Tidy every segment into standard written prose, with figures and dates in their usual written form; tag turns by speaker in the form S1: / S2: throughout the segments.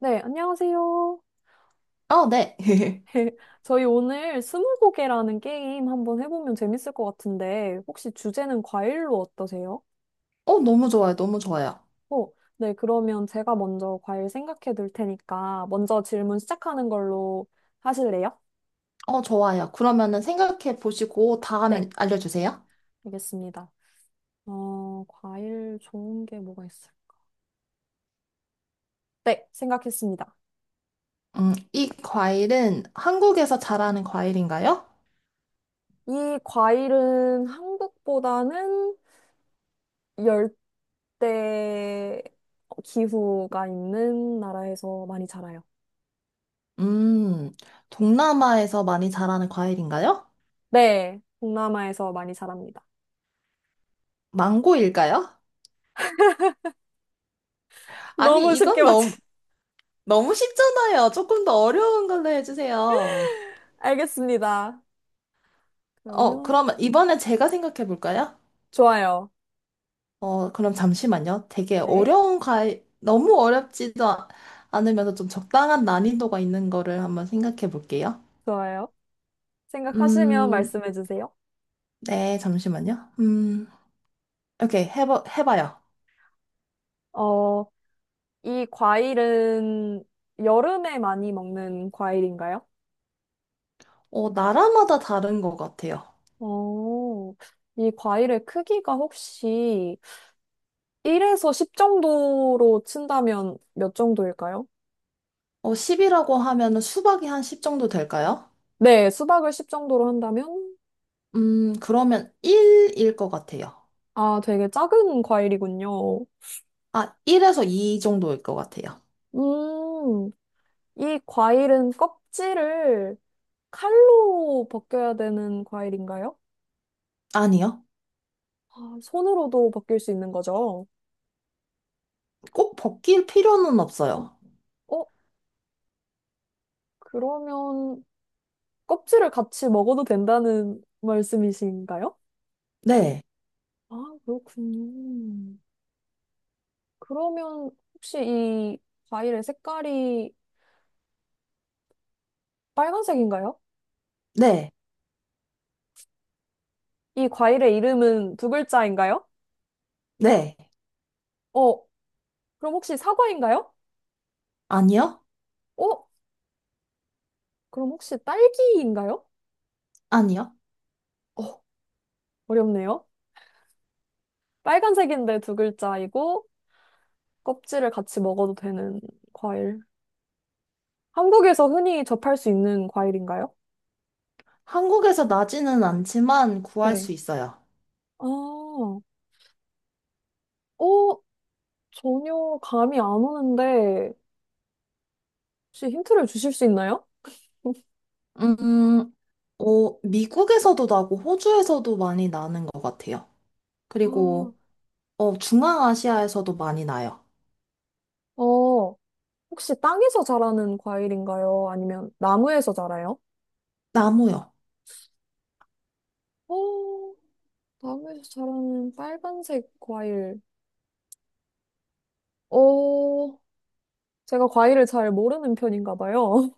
S1: 네, 안녕하세요.
S2: 어, 네.
S1: 저희 오늘 스무고개라는 게임 한번 해보면 재밌을 것 같은데, 혹시 주제는 과일로 어떠세요?
S2: 어, 너무 좋아요. 너무 좋아요.
S1: 어, 네, 그러면 제가 먼저 과일 생각해 둘 테니까, 먼저 질문 시작하는 걸로 하실래요?
S2: 어, 좋아요. 그러면은 생각해 보시고
S1: 네,
S2: 다음에 알려주세요.
S1: 알겠습니다. 과일 좋은 게 뭐가 있어요? 네, 생각했습니다.
S2: 이 과일은 한국에서 자라는 과일인가요?
S1: 이 과일은 한국보다는 열대 기후가 있는 나라에서 많이 자라요.
S2: 음, 동남아에서 많이 자라는 과일인가요?
S1: 네, 동남아에서 많이 자랍니다.
S2: 망고일까요? 아니,
S1: 너무 쉽게
S2: 이건 너무,
S1: 맞추.
S2: 너무 쉽잖아요. 조금 더 어려운 걸로 해주세요.
S1: 알겠습니다.
S2: 어,
S1: 그러면
S2: 그러면 이번에 제가 생각해 볼까요?
S1: 좋아요.
S2: 어, 그럼 잠시만요. 되게
S1: 네,
S2: 어려운 과일, 너무 어렵지도 않으면서 좀 적당한 난이도가 있는 거를 한번 생각해 볼게요.
S1: 좋아요. 생각하시면
S2: 음,
S1: 말씀해 주세요.
S2: 네, 잠시만요. 오케이, 해봐요.
S1: 어, 이 과일은 여름에 많이 먹는 과일인가요?
S2: 어, 나라마다 다른 것 같아요.
S1: 어, 이 과일의 크기가 혹시 1에서 10 정도로 친다면 몇 정도일까요?
S2: 어, 10이라고 하면은 수박이 한 10 정도 될까요?
S1: 네, 수박을 10 정도로 한다면?
S2: 그러면 1일 것 같아요.
S1: 아, 되게 작은 과일이군요.
S2: 아, 1에서 2 정도일 것 같아요.
S1: 음, 이 과일은 껍질을 칼로 벗겨야 되는 과일인가요?
S2: 아니요.
S1: 아, 손으로도 벗길 수 있는 거죠.
S2: 꼭 벗길 필요는 없어요.
S1: 어, 그러면 껍질을 같이 먹어도 된다는 말씀이신가요?
S2: 네,
S1: 아, 그렇군요. 그러면 혹시 이 과일의 색깔이 빨간색인가요?
S2: 네,
S1: 이 과일의 이름은 두 글자인가요?
S2: 네.
S1: 어, 그럼 혹시 사과인가요?
S2: 아니요?
S1: 어, 그럼 혹시 딸기인가요?
S2: 아니요?
S1: 어, 어렵네요. 빨간색인데 두 글자이고, 껍질을 같이 먹어도 되는 과일. 한국에서 흔히 접할 수 있는 과일인가요?
S2: 한국에서 나지는 않지만 구할
S1: 네.
S2: 수 있어요.
S1: 아, 전혀 감이 안 오는데, 혹시 힌트를 주실 수 있나요?
S2: 음, 어, 미국에서도 나고 호주에서도 많이 나는 것 같아요.
S1: 아,
S2: 그리고 어, 중앙아시아에서도 많이 나요.
S1: 어, 혹시 땅에서 자라는 과일인가요? 아니면 나무에서 자라요?
S2: 나무요.
S1: 어, 나무에서 자라는 빨간색 과일. 어, 제가 과일을 잘 모르는 편인가 봐요.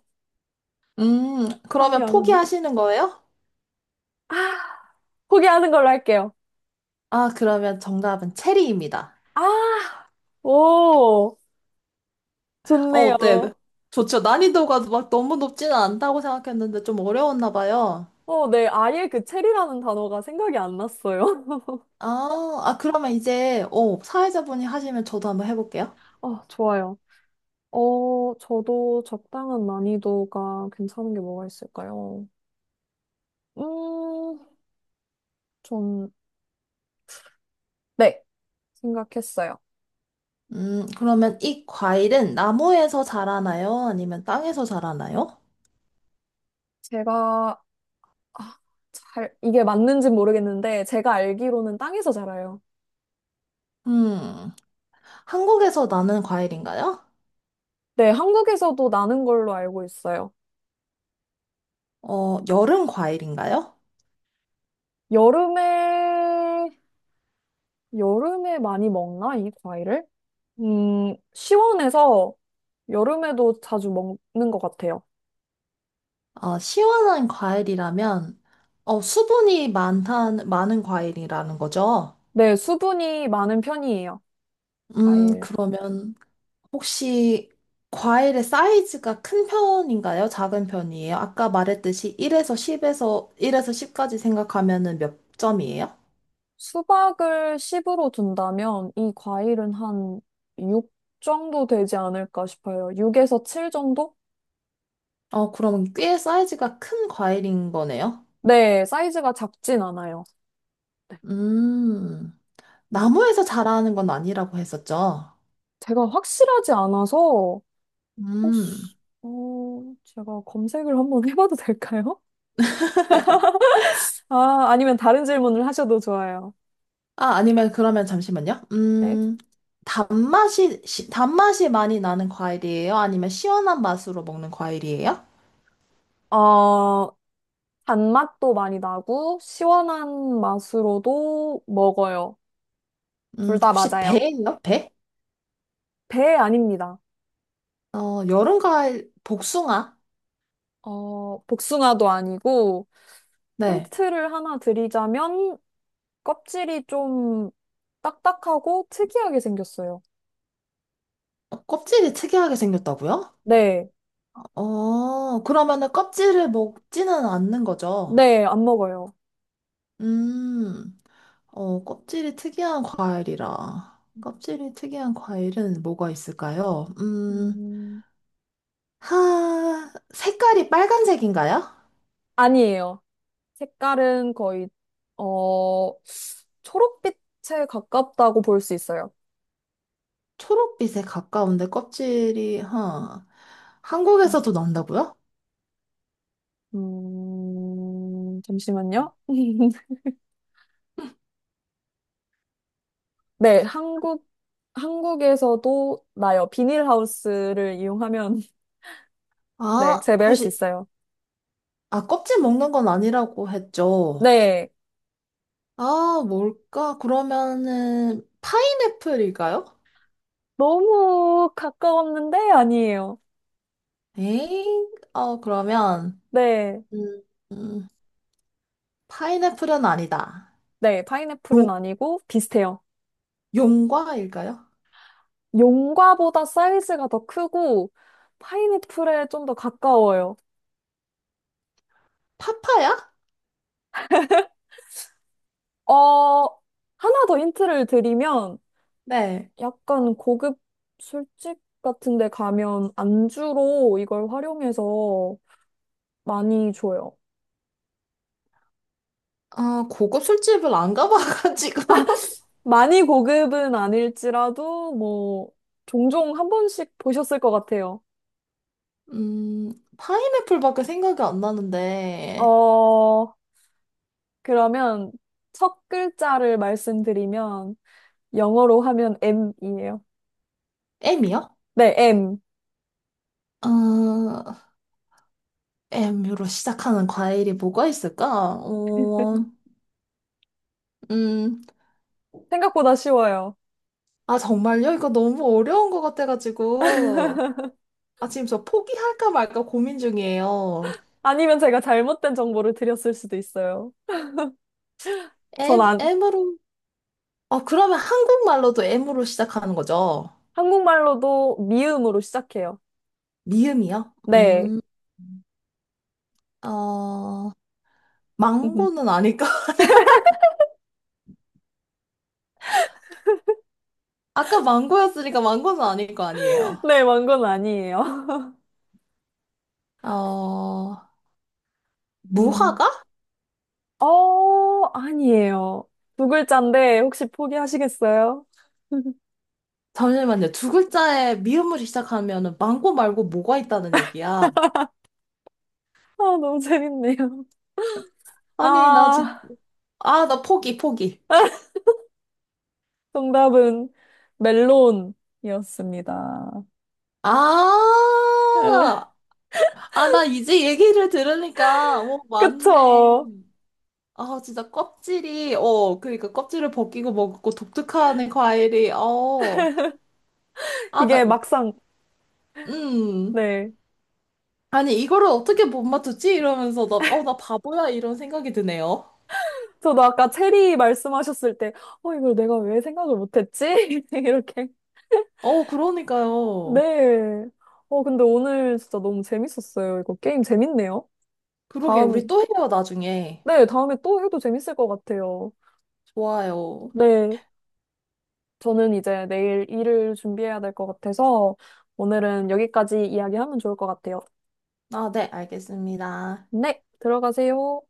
S1: 감이
S2: 그러면
S1: 안 오네.
S2: 포기하시는 거예요?
S1: 포기하는 걸로 할게요.
S2: 아, 그러면 정답은 체리입니다.
S1: 아, 오.
S2: 어,
S1: 좋네요.
S2: 어때? 좋죠. 난이도가 막 너무 높지는 않다고 생각했는데 좀 어려웠나 봐요.
S1: 네. 아예 그 체리라는 단어가 생각이 안 났어요.
S2: 아, 아, 그러면 이제 어, 사회자분이 하시면 저도 한번 해볼게요.
S1: 아, 좋아요. 저도 적당한 난이도가 괜찮은 게 뭐가 있을까요? 음, 전, 네. 생각했어요.
S2: 그러면 이 과일은 나무에서 자라나요? 아니면 땅에서 자라나요?
S1: 제가, 아, 잘, 이게 맞는지 모르겠는데, 제가 알기로는 땅에서 자라요.
S2: 음, 한국에서 나는 과일인가요?
S1: 네, 한국에서도 나는 걸로 알고 있어요.
S2: 어, 여름 과일인가요?
S1: 여름에, 여름에 많이 먹나, 이 과일을? 시원해서 여름에도 자주 먹는 것 같아요.
S2: 어, 시원한 과일이라면, 어, 수분이 많은 과일이라는 거죠.
S1: 네, 수분이 많은 편이에요. 과일.
S2: 그러면 혹시 과일의 사이즈가 큰 편인가요? 작은 편이에요? 아까 말했듯이 1에서 10에서, 일에서 십까지 생각하면은 몇 점이에요?
S1: 수박을 10으로 둔다면 이 과일은 한 6 정도 되지 않을까 싶어요. 6에서 7 정도?
S2: 어, 그럼 꽤 사이즈가 큰 과일인 거네요?
S1: 네, 사이즈가 작진 않아요.
S2: 음,
S1: 음,
S2: 나무에서 자라는 건 아니라고 했었죠?
S1: 제가 확실하지 않아서 혹시
S2: 음,
S1: 어, 제가 검색을 한번 해봐도 될까요? 아, 아니면 다른 질문을 하셔도 좋아요.
S2: 아, 아니면 그러면 잠시만요.
S1: 네.
S2: 단맛이 많이 나는 과일이에요? 아니면 시원한 맛으로 먹는 과일이에요?
S1: 어, 단맛도 많이 나고 시원한 맛으로도 먹어요. 둘 다
S2: 혹시
S1: 맞아요.
S2: 배예요? 배?
S1: 배 아닙니다.
S2: 어, 여름 과일, 복숭아?
S1: 복숭아도 아니고
S2: 네.
S1: 힌트를 하나 드리자면 껍질이 좀 딱딱하고 특이하게 생겼어요.
S2: 어, 껍질이 특이하게 생겼다고요?
S1: 네,
S2: 어, 그러면은 껍질을 먹지는 않는 거죠?
S1: 네, 안 먹어요.
S2: 음. 어, 껍질이 특이한 과일이라. 껍질이 특이한 과일은 뭐가 있을까요?
S1: 음,
S2: 색깔이 빨간색인가요?
S1: 아니에요. 색깔은 거의 어, 초록빛에 가깝다고 볼 수 있어요.
S2: 초록빛에 가까운데 껍질이, 한국에서도 난다고요?
S1: 잠시만요. 네, 한국에서도 나요. 비닐하우스를 이용하면, 네,
S2: 아,
S1: 재배할 수
S2: 혹시,
S1: 있어요.
S2: 아, 껍질 먹는 건 아니라고 했죠.
S1: 네,
S2: 아, 뭘까? 그러면은, 파인애플일까요?
S1: 너무 가까웠는데 아니에요.
S2: 에잉, 어, 그러면,
S1: 네,
S2: 음, 음, 파인애플은 아니다.
S1: 네,
S2: 용,
S1: 파인애플은 아니고 비슷해요.
S2: 용과일까요?
S1: 용과보다 사이즈가 더 크고, 파인애플에 좀 더 가까워요.
S2: 파파야?
S1: 어, 하나 더 힌트를 드리면,
S2: 네.
S1: 약간 고급 술집 같은 데 가면 안주로 이걸 활용해서 많이 줘요.
S2: 아, 고급 술집을 안 가봐가지고.
S1: 많이 고급은 아닐지라도 뭐 종종 한 번씩 보셨을 것 같아요.
S2: 음, 파인애플밖에 생각이 안 나는데.
S1: 어, 그러면 첫 글자를 말씀드리면 영어로 하면 M이에요.
S2: M이요?
S1: 네, M.
S2: 아, M으로 시작하는 과일이 뭐가 있을까? 어, 음,
S1: 생각보다 쉬워요.
S2: 아, 정말요? 이거 너무 어려운 것 같아가지고. 아, 지금 저 포기할까 말까 고민 중이에요.
S1: 아니면 제가 잘못된 정보를 드렸을 수도 있어요. 전
S2: M,
S1: 안,
S2: M으로. 아, 그러면 한국말로도 M으로 시작하는 거죠?
S1: 한국말로도 미음으로 시작해요.
S2: 미음이요?
S1: 네.
S2: 어, 망고는 아닐까? 아까 망고였으니까 망고는 아닐 거 아니에요.
S1: 네, 망건 아니에요.
S2: 어,
S1: 음.
S2: 무화과?
S1: 아니에요. 두 글자인데 혹시 포기하시겠어요?
S2: 잠시만요. 두 글자에 미음으로 시작하면은 망고 말고 뭐가 있다는 얘기야?
S1: 아, 너무 재밌네요.
S2: 아니, 나 지금,
S1: 아,
S2: 아, 나 포기, 포기.
S1: 정답은 멜론이었습니다.
S2: 아, 아, 나 이제 얘기를 들으니까, 오 맞네.
S1: 그쵸?
S2: 아, 진짜 껍질이, 어, 그러니까 껍질을 벗기고 먹고 독특한 과일이, 어, 아, 나,
S1: 이게 막상,
S2: 음.
S1: 네.
S2: 아니, 이거를 어떻게 못 맞췄지? 이러면서 나 바보야, 이런 생각이 드네요.
S1: 저도 아까 체리 말씀하셨을 때, 이걸 내가 왜 생각을 못했지? 이렇게.
S2: 어, 그러니까요.
S1: 네. 근데 오늘 진짜 너무 재밌었어요. 이거 게임 재밌네요.
S2: 그러게, 우리
S1: 다음,
S2: 또 해요, 나중에.
S1: 네, 다음에 또 해도 재밌을 것 같아요.
S2: 좋아요.
S1: 네. 저는 이제 내일 일을 준비해야 될 것 같아서 오늘은 여기까지 이야기하면 좋을 것 같아요.
S2: 아, 네, 알겠습니다.
S1: 네, 들어가세요.